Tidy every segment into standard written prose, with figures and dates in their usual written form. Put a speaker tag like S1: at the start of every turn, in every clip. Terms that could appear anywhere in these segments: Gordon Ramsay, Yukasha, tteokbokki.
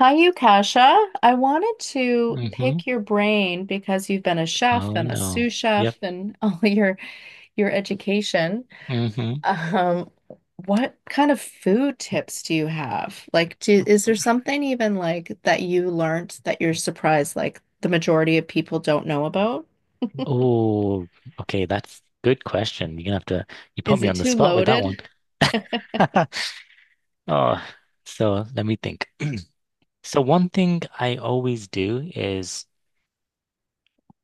S1: Hi, Yukasha. I wanted to
S2: Mm-hmm.
S1: pick your brain because you've been a chef
S2: Oh
S1: and a
S2: no.
S1: sous
S2: Yep.
S1: chef and all your education.
S2: Mm-hmm.
S1: Um, what kind of food tips do you have? Like, is there something even like that you learned that you're surprised like the majority of people don't know about?
S2: Oh, okay. That's good question. You're gonna have to you put
S1: Is
S2: me
S1: it
S2: on the
S1: too
S2: spot with that
S1: loaded?
S2: one. Oh, so let me think. So one thing I always do is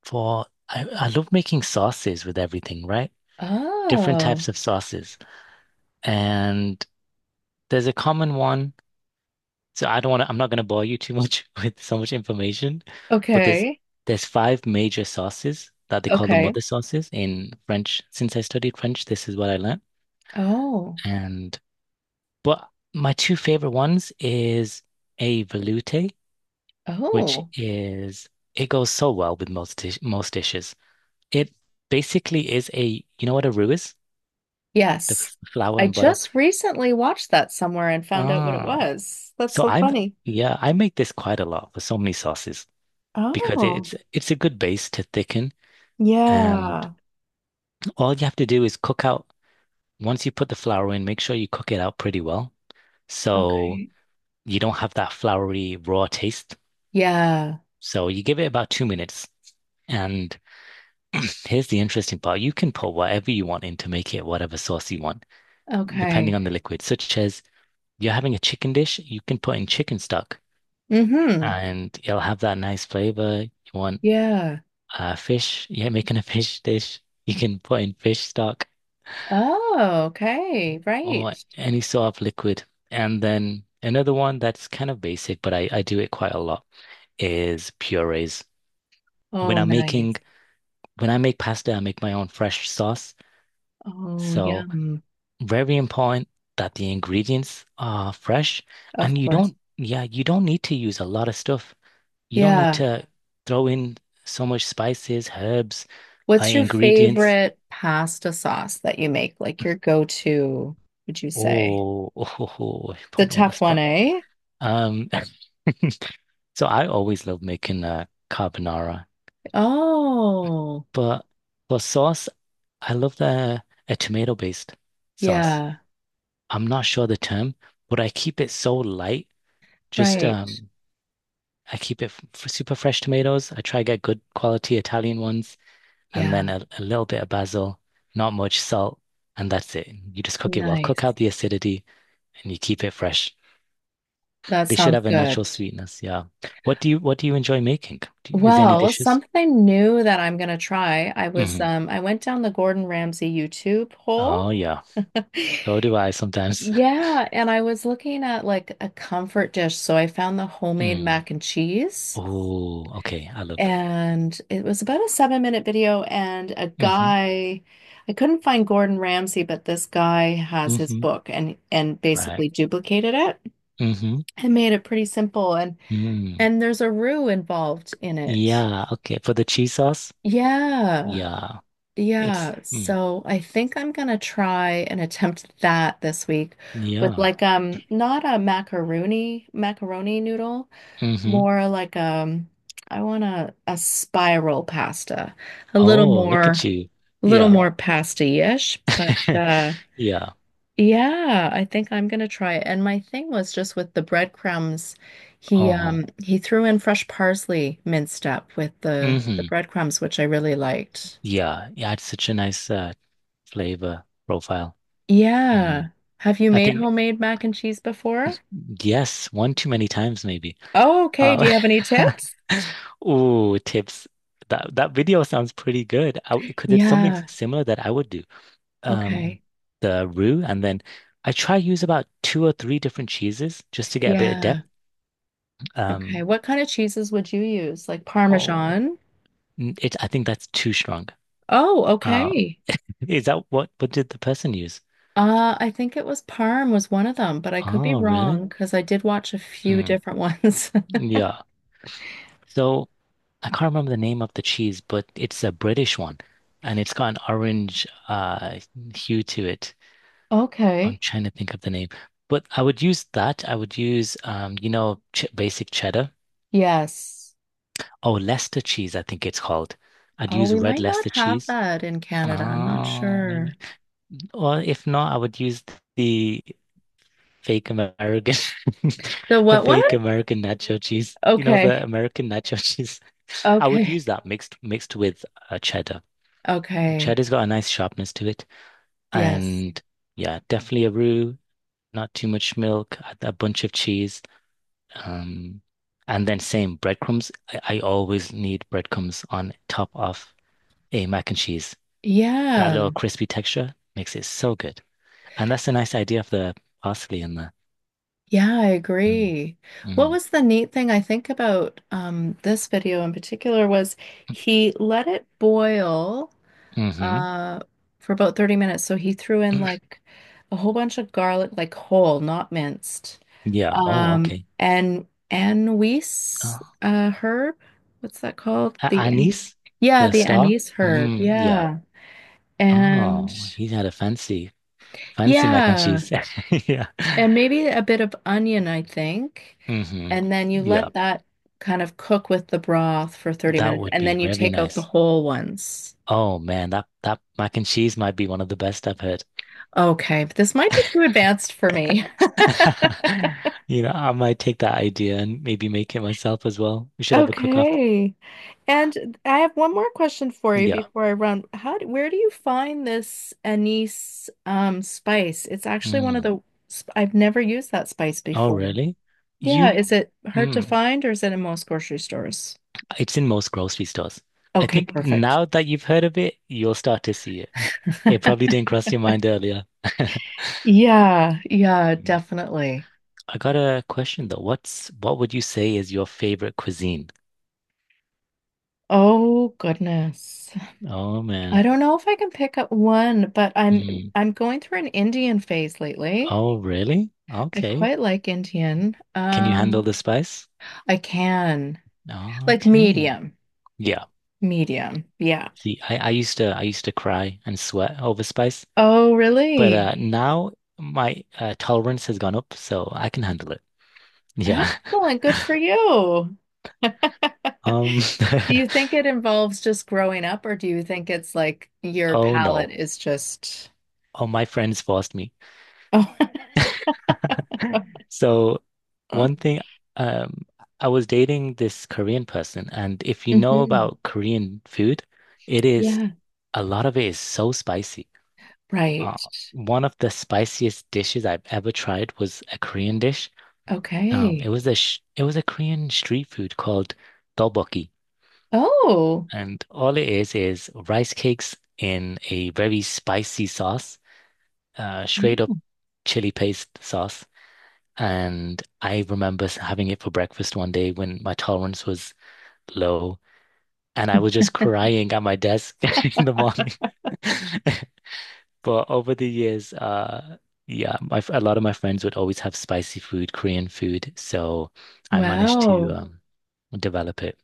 S2: I love making sauces with everything, right? Different
S1: Oh,
S2: types of sauces. And there's a common one. I don't want to, I'm not going to bore you too much with so much information, but
S1: okay.
S2: there's five major sauces that they call the
S1: Okay.
S2: mother sauces in French. Since I studied French, this is what I learned.
S1: Oh,
S2: And But my two favorite ones is a velouté, which
S1: oh.
S2: is it goes so well with most most dishes. It basically is a you know what a roux is? The
S1: Yes.
S2: flour
S1: I
S2: and butter.
S1: just recently watched that somewhere and found out what it
S2: Oh,
S1: was. That's
S2: so
S1: so
S2: I'm
S1: funny.
S2: yeah, I make this quite a lot for so many sauces, because
S1: Oh,
S2: it's a good base to thicken. And
S1: yeah.
S2: all you have to do is cook out, once you put the flour in, make sure you cook it out pretty well. So
S1: Okay.
S2: you don't have that floury raw taste.
S1: Yeah.
S2: So you give it about 2 minutes. And here's the interesting part. You can put whatever you want in to make it whatever sauce you want, depending
S1: Okay.
S2: on the liquid, such as you're having a chicken dish, you can put in chicken stock
S1: Mm-hmm.
S2: and it'll have that nice flavor. You want
S1: Yeah.
S2: fish, yeah, making a fish dish, you can put in fish stock,
S1: Oh, okay. Right.
S2: or any sort of liquid. And then another one that's kind of basic, but I do it quite a lot is purees. When
S1: Oh,
S2: I'm making
S1: nice.
S2: when I make pasta, I make my own fresh sauce.
S1: Oh,
S2: So
S1: yum.
S2: very important that the ingredients are fresh
S1: Of
S2: and you
S1: course.
S2: don't yeah, you don't need to use a lot of stuff. You don't need
S1: Yeah.
S2: to throw in so much spices, herbs,
S1: What's your
S2: ingredients.
S1: favorite pasta sauce that you make? Like your go-to, would you say?
S2: Oh,
S1: The
S2: put me on the
S1: tough one,
S2: spot.
S1: eh?
S2: Um, So I always love making carbonara,
S1: Oh,
S2: but for sauce, I love the a tomato-based sauce.
S1: yeah.
S2: I'm not sure the term, but I keep it so light. Just
S1: Right.
S2: I keep it super fresh tomatoes. I try to get good quality Italian ones, and then
S1: Yeah.
S2: a little bit of basil, not much salt, and that's it. You just cook it well, cook out
S1: Nice.
S2: the acidity, and you keep it fresh.
S1: That
S2: They should
S1: sounds
S2: have a natural
S1: good.
S2: Mm. sweetness. Yeah. What do you enjoy making? Is there any
S1: Well,
S2: dishes?
S1: something new that I'm gonna try. I was
S2: Hmm.
S1: I went down the Gordon Ramsay YouTube hole.
S2: Oh yeah. So do I sometimes.
S1: Yeah, and I was looking at like a comfort dish, so I found the homemade
S2: Mm.
S1: mac and cheese,
S2: Oh, okay. I love.
S1: and it was about a 7-minute video. And a
S2: Hmm.
S1: guy, I couldn't find Gordon Ramsay, but this guy has his
S2: Hmm.
S1: book and basically
S2: Right.
S1: duplicated it
S2: Hmm.
S1: and made it pretty simple. And
S2: Mm.
S1: and there's a roux involved in it.
S2: Yeah. Okay. For the cheese sauce.
S1: Yeah.
S2: Yeah. It's.
S1: Yeah.
S2: Mm.
S1: So I think I'm gonna try and attempt that this week with
S2: Yeah.
S1: like not a macaroni noodle,
S2: Hmm.
S1: more like I want a spiral pasta. A little
S2: Oh, look at
S1: more
S2: you.
S1: a little
S2: Yeah.
S1: more pasty-ish, but
S2: Yeah.
S1: yeah, I think I'm gonna try it. And my thing was just with the breadcrumbs,
S2: Uh-huh.
S1: he threw in fresh parsley minced up with the
S2: Hmm.
S1: breadcrumbs, which I really liked.
S2: Yeah. Yeah. It's such a nice flavor profile.
S1: Yeah.
S2: Mm.
S1: Have you
S2: I
S1: made
S2: think
S1: homemade mac and cheese before?
S2: yes, one too many times maybe.
S1: Oh, okay. Do
S2: Um,
S1: you have any tips?
S2: ooh, tips. That video sounds pretty good. Because it's something
S1: Yeah.
S2: similar that I would do. Um,
S1: Okay.
S2: the roux, and then I try use about two or three different cheeses just to get a bit of depth.
S1: Yeah. Okay.
S2: Um,
S1: What kind of cheeses would you use? Like
S2: oh,
S1: Parmesan?
S2: n- it. I think that's too strong.
S1: Oh,
S2: Um,
S1: okay.
S2: is that what did the person use?
S1: I think it was Parm was one of them, but I could be
S2: Oh, really?
S1: wrong because I did watch a few
S2: Mm,
S1: different ones.
S2: yeah. So I can't remember the name of the cheese, but it's a British one, and it's got an orange hue to it. I'm
S1: Okay.
S2: trying to think of the name, but I would use that. I would use, you know, ch basic cheddar.
S1: Yes.
S2: Oh, Leicester cheese, I think it's called. I'd
S1: Oh,
S2: use
S1: we
S2: red
S1: might not
S2: Leicester
S1: have
S2: cheese.
S1: that in Canada. I'm not
S2: Oh,
S1: sure.
S2: maybe. Or if not, I would use the fake American,
S1: The
S2: the
S1: what one?
S2: fake American nacho cheese. You know, the
S1: Okay.
S2: American nacho cheese. I would use
S1: Okay.
S2: that mixed with cheddar.
S1: Okay.
S2: Cheddar's got a nice sharpness to it,
S1: Yes.
S2: and yeah, definitely a roux. Not too much milk, a bunch of cheese. Um, and then same breadcrumbs. I always need breadcrumbs on top of a mac and cheese. That little
S1: Yeah.
S2: crispy texture makes it so good. And that's a nice idea of the parsley in there.
S1: Yeah, I
S2: Mm,
S1: agree. What
S2: mm,
S1: was the neat thing I think about this video in particular was he let it boil
S2: mm-hmm.
S1: uh, for about 30 minutes. So he threw in like a whole bunch of garlic, like whole, not minced.
S2: Yeah. Oh, okay.
S1: And anise
S2: Oh.
S1: herb, what's that called?
S2: A- Anis,
S1: Yeah,
S2: the
S1: the
S2: star.
S1: anise herb.
S2: Mm, yeah.
S1: Yeah. And
S2: Oh, he's had a fancy mac and
S1: yeah.
S2: cheese. Yeah.
S1: And maybe a bit of onion, I think.
S2: Mm-hmm.
S1: And then you
S2: Yeah.
S1: let that kind of cook with the broth for 30
S2: That
S1: minutes,
S2: would
S1: and
S2: be
S1: then you
S2: very
S1: take out the
S2: nice.
S1: whole ones.
S2: Oh man, that mac and cheese might be one of the best I've heard.
S1: Okay, this might be too advanced for me.
S2: You know, I might take that idea and maybe make it myself as well. We should have a cook-off.
S1: Okay. And I have one more question for you
S2: Yeah.
S1: before I run. Where do you find this anise spice? It's actually one of
S2: Mm.
S1: the, sp- I've never used that spice
S2: Oh,
S1: before.
S2: really?
S1: Yeah,
S2: You,
S1: is it hard to
S2: mm.
S1: find or is it in most grocery stores?
S2: It's in most grocery stores. I
S1: Okay,
S2: think
S1: perfect.
S2: now that you've heard of it, you'll start to see it. It probably didn't cross your mind earlier.
S1: Yeah, yeah,
S2: Mm.
S1: definitely.
S2: I got a question though. What would you say is your favorite cuisine?
S1: Oh goodness.
S2: Oh man.
S1: I don't know if I can pick up one, but
S2: Mm.
S1: I'm going through an Indian phase lately.
S2: Oh, really?
S1: I
S2: Okay.
S1: quite like Indian.
S2: Can you handle the spice?
S1: I can. Like
S2: Okay.
S1: medium.
S2: Yeah.
S1: Medium. Yeah.
S2: See, I used to cry and sweat over spice,
S1: Oh,
S2: but
S1: really?
S2: now my tolerance has gone up, so I can handle it. Yeah.
S1: Excellent. Good for you.
S2: Um.
S1: Do you think it involves just growing up, or do you think it's like your
S2: Oh no.
S1: palate is just
S2: Oh, my friends forced me.
S1: Oh.
S2: So one thing, um, I was dating this Korean person, and if you know
S1: Mhm.
S2: about Korean food, it is
S1: Yeah.
S2: a lot of it is so spicy. Uh,
S1: Right.
S2: one of the spiciest dishes I've ever tried was a Korean dish. It
S1: Okay.
S2: was a sh it was a Korean street food called tteokbokki,
S1: Oh,
S2: and all it is rice cakes in a very spicy sauce, straight up
S1: Mm.
S2: chili paste sauce. And I remember having it for breakfast one day when my tolerance was low, and I was just crying at my desk in the morning. But over the years, yeah, a lot of my friends would always have spicy food, Korean food, so I managed to
S1: wow.
S2: develop it.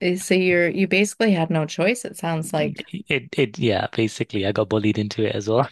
S1: Eh, so you basically had no choice, it sounds like.
S2: It yeah, basically I got bullied into it as well.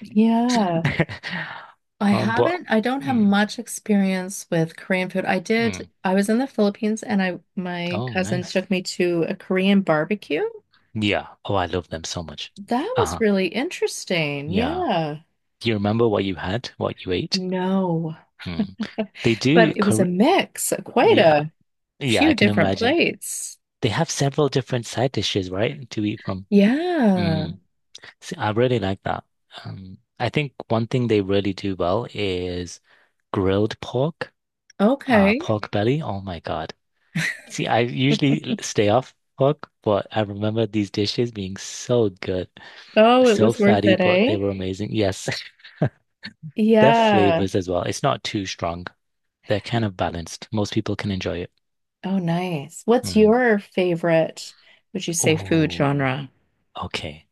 S1: Yeah.
S2: But
S1: I don't have
S2: mm,
S1: much experience with Korean food. I did,
S2: mm.
S1: I was in the Philippines and I my
S2: Oh,
S1: cousin
S2: nice.
S1: took me to a Korean barbecue.
S2: Yeah. Oh, I love them so much.
S1: That was
S2: Uh-huh.
S1: really interesting.
S2: Yeah.
S1: Yeah.
S2: Do you remember what you had, what you ate?
S1: No.
S2: Mm. They do.
S1: But it was a
S2: Kor
S1: mix, quite
S2: yeah.
S1: a
S2: Yeah, I
S1: few
S2: can
S1: different
S2: imagine.
S1: plates.
S2: They have several different side dishes, right, to eat from.
S1: Yeah.
S2: Mm. See, I really like that. I think one thing they really do well is grilled pork,
S1: Okay.
S2: pork belly. Oh my God. See, I usually stay off pork, but I remember these dishes being so good,
S1: Oh, it
S2: so
S1: was worth
S2: fatty,
S1: it,
S2: but they
S1: eh?
S2: were Really? Amazing. Yes, their
S1: Yeah. Right.
S2: flavors as well. It's not too strong. They're kind of balanced. Most people can enjoy it.
S1: Oh, nice. What's
S2: Mm.
S1: your favorite, would you say, food
S2: Oh,
S1: genre?
S2: okay.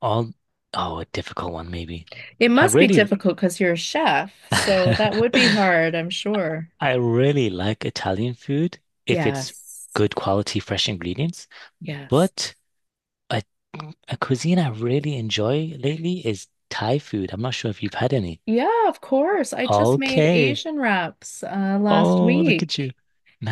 S2: All, oh, a difficult one maybe.
S1: It
S2: I
S1: must be
S2: really,
S1: difficult because you're a chef, so
S2: I
S1: that would be hard, I'm sure.
S2: really like Italian food if it's
S1: Yes.
S2: good quality, fresh ingredients.
S1: Yes.
S2: But A, a cuisine I really enjoy lately is Thai food. I'm not sure if you've had any.
S1: Yeah, of course. I just made
S2: Okay.
S1: Asian wraps last
S2: Oh, look at you.
S1: week.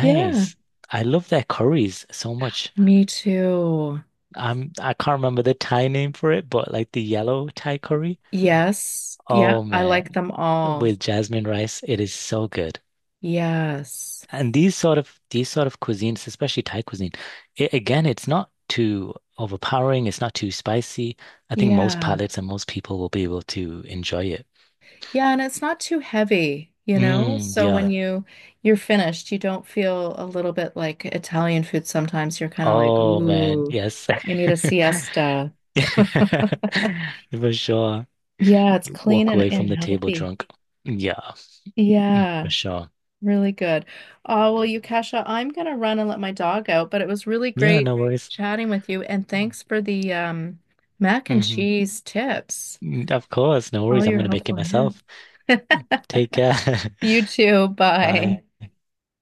S1: Yeah,
S2: I love their curries so much.
S1: me too.
S2: I can't remember the Thai name for it, but like the yellow Thai curry.
S1: Yes. Yeah,
S2: Oh
S1: I like
S2: man.
S1: them all.
S2: With jasmine rice, it is so good.
S1: Yes.
S2: And these sort of cuisines, especially Thai cuisine, again, it's not too overpowering, it's not too spicy. I think most
S1: Yeah.
S2: palates and most people will be able to enjoy it.
S1: Yeah, and it's not too heavy, you know?
S2: Mm,
S1: So when
S2: yeah.
S1: yeah, you're finished, you don't feel a little bit like Italian food sometimes. You're kind of like,
S2: Oh man,
S1: ooh,
S2: yes.
S1: I need a siesta.
S2: For sure.
S1: Yeah, it's
S2: You
S1: clean
S2: walk away
S1: and
S2: from
S1: exactly,
S2: the table
S1: healthy.
S2: drunk. Yeah, mm, for
S1: Yeah,
S2: sure.
S1: really good. Oh, well, you Kasha, I'm gonna run and let my dog out, but it was really
S2: Yeah,
S1: great
S2: no worries.
S1: chatting with you, and thanks for the mac and
S2: Hmm.
S1: cheese tips,
S2: Of course, no
S1: all
S2: worries. I'm
S1: your
S2: gonna make it
S1: helpful hints.
S2: myself. Take care.
S1: You too,
S2: Bye.
S1: bye.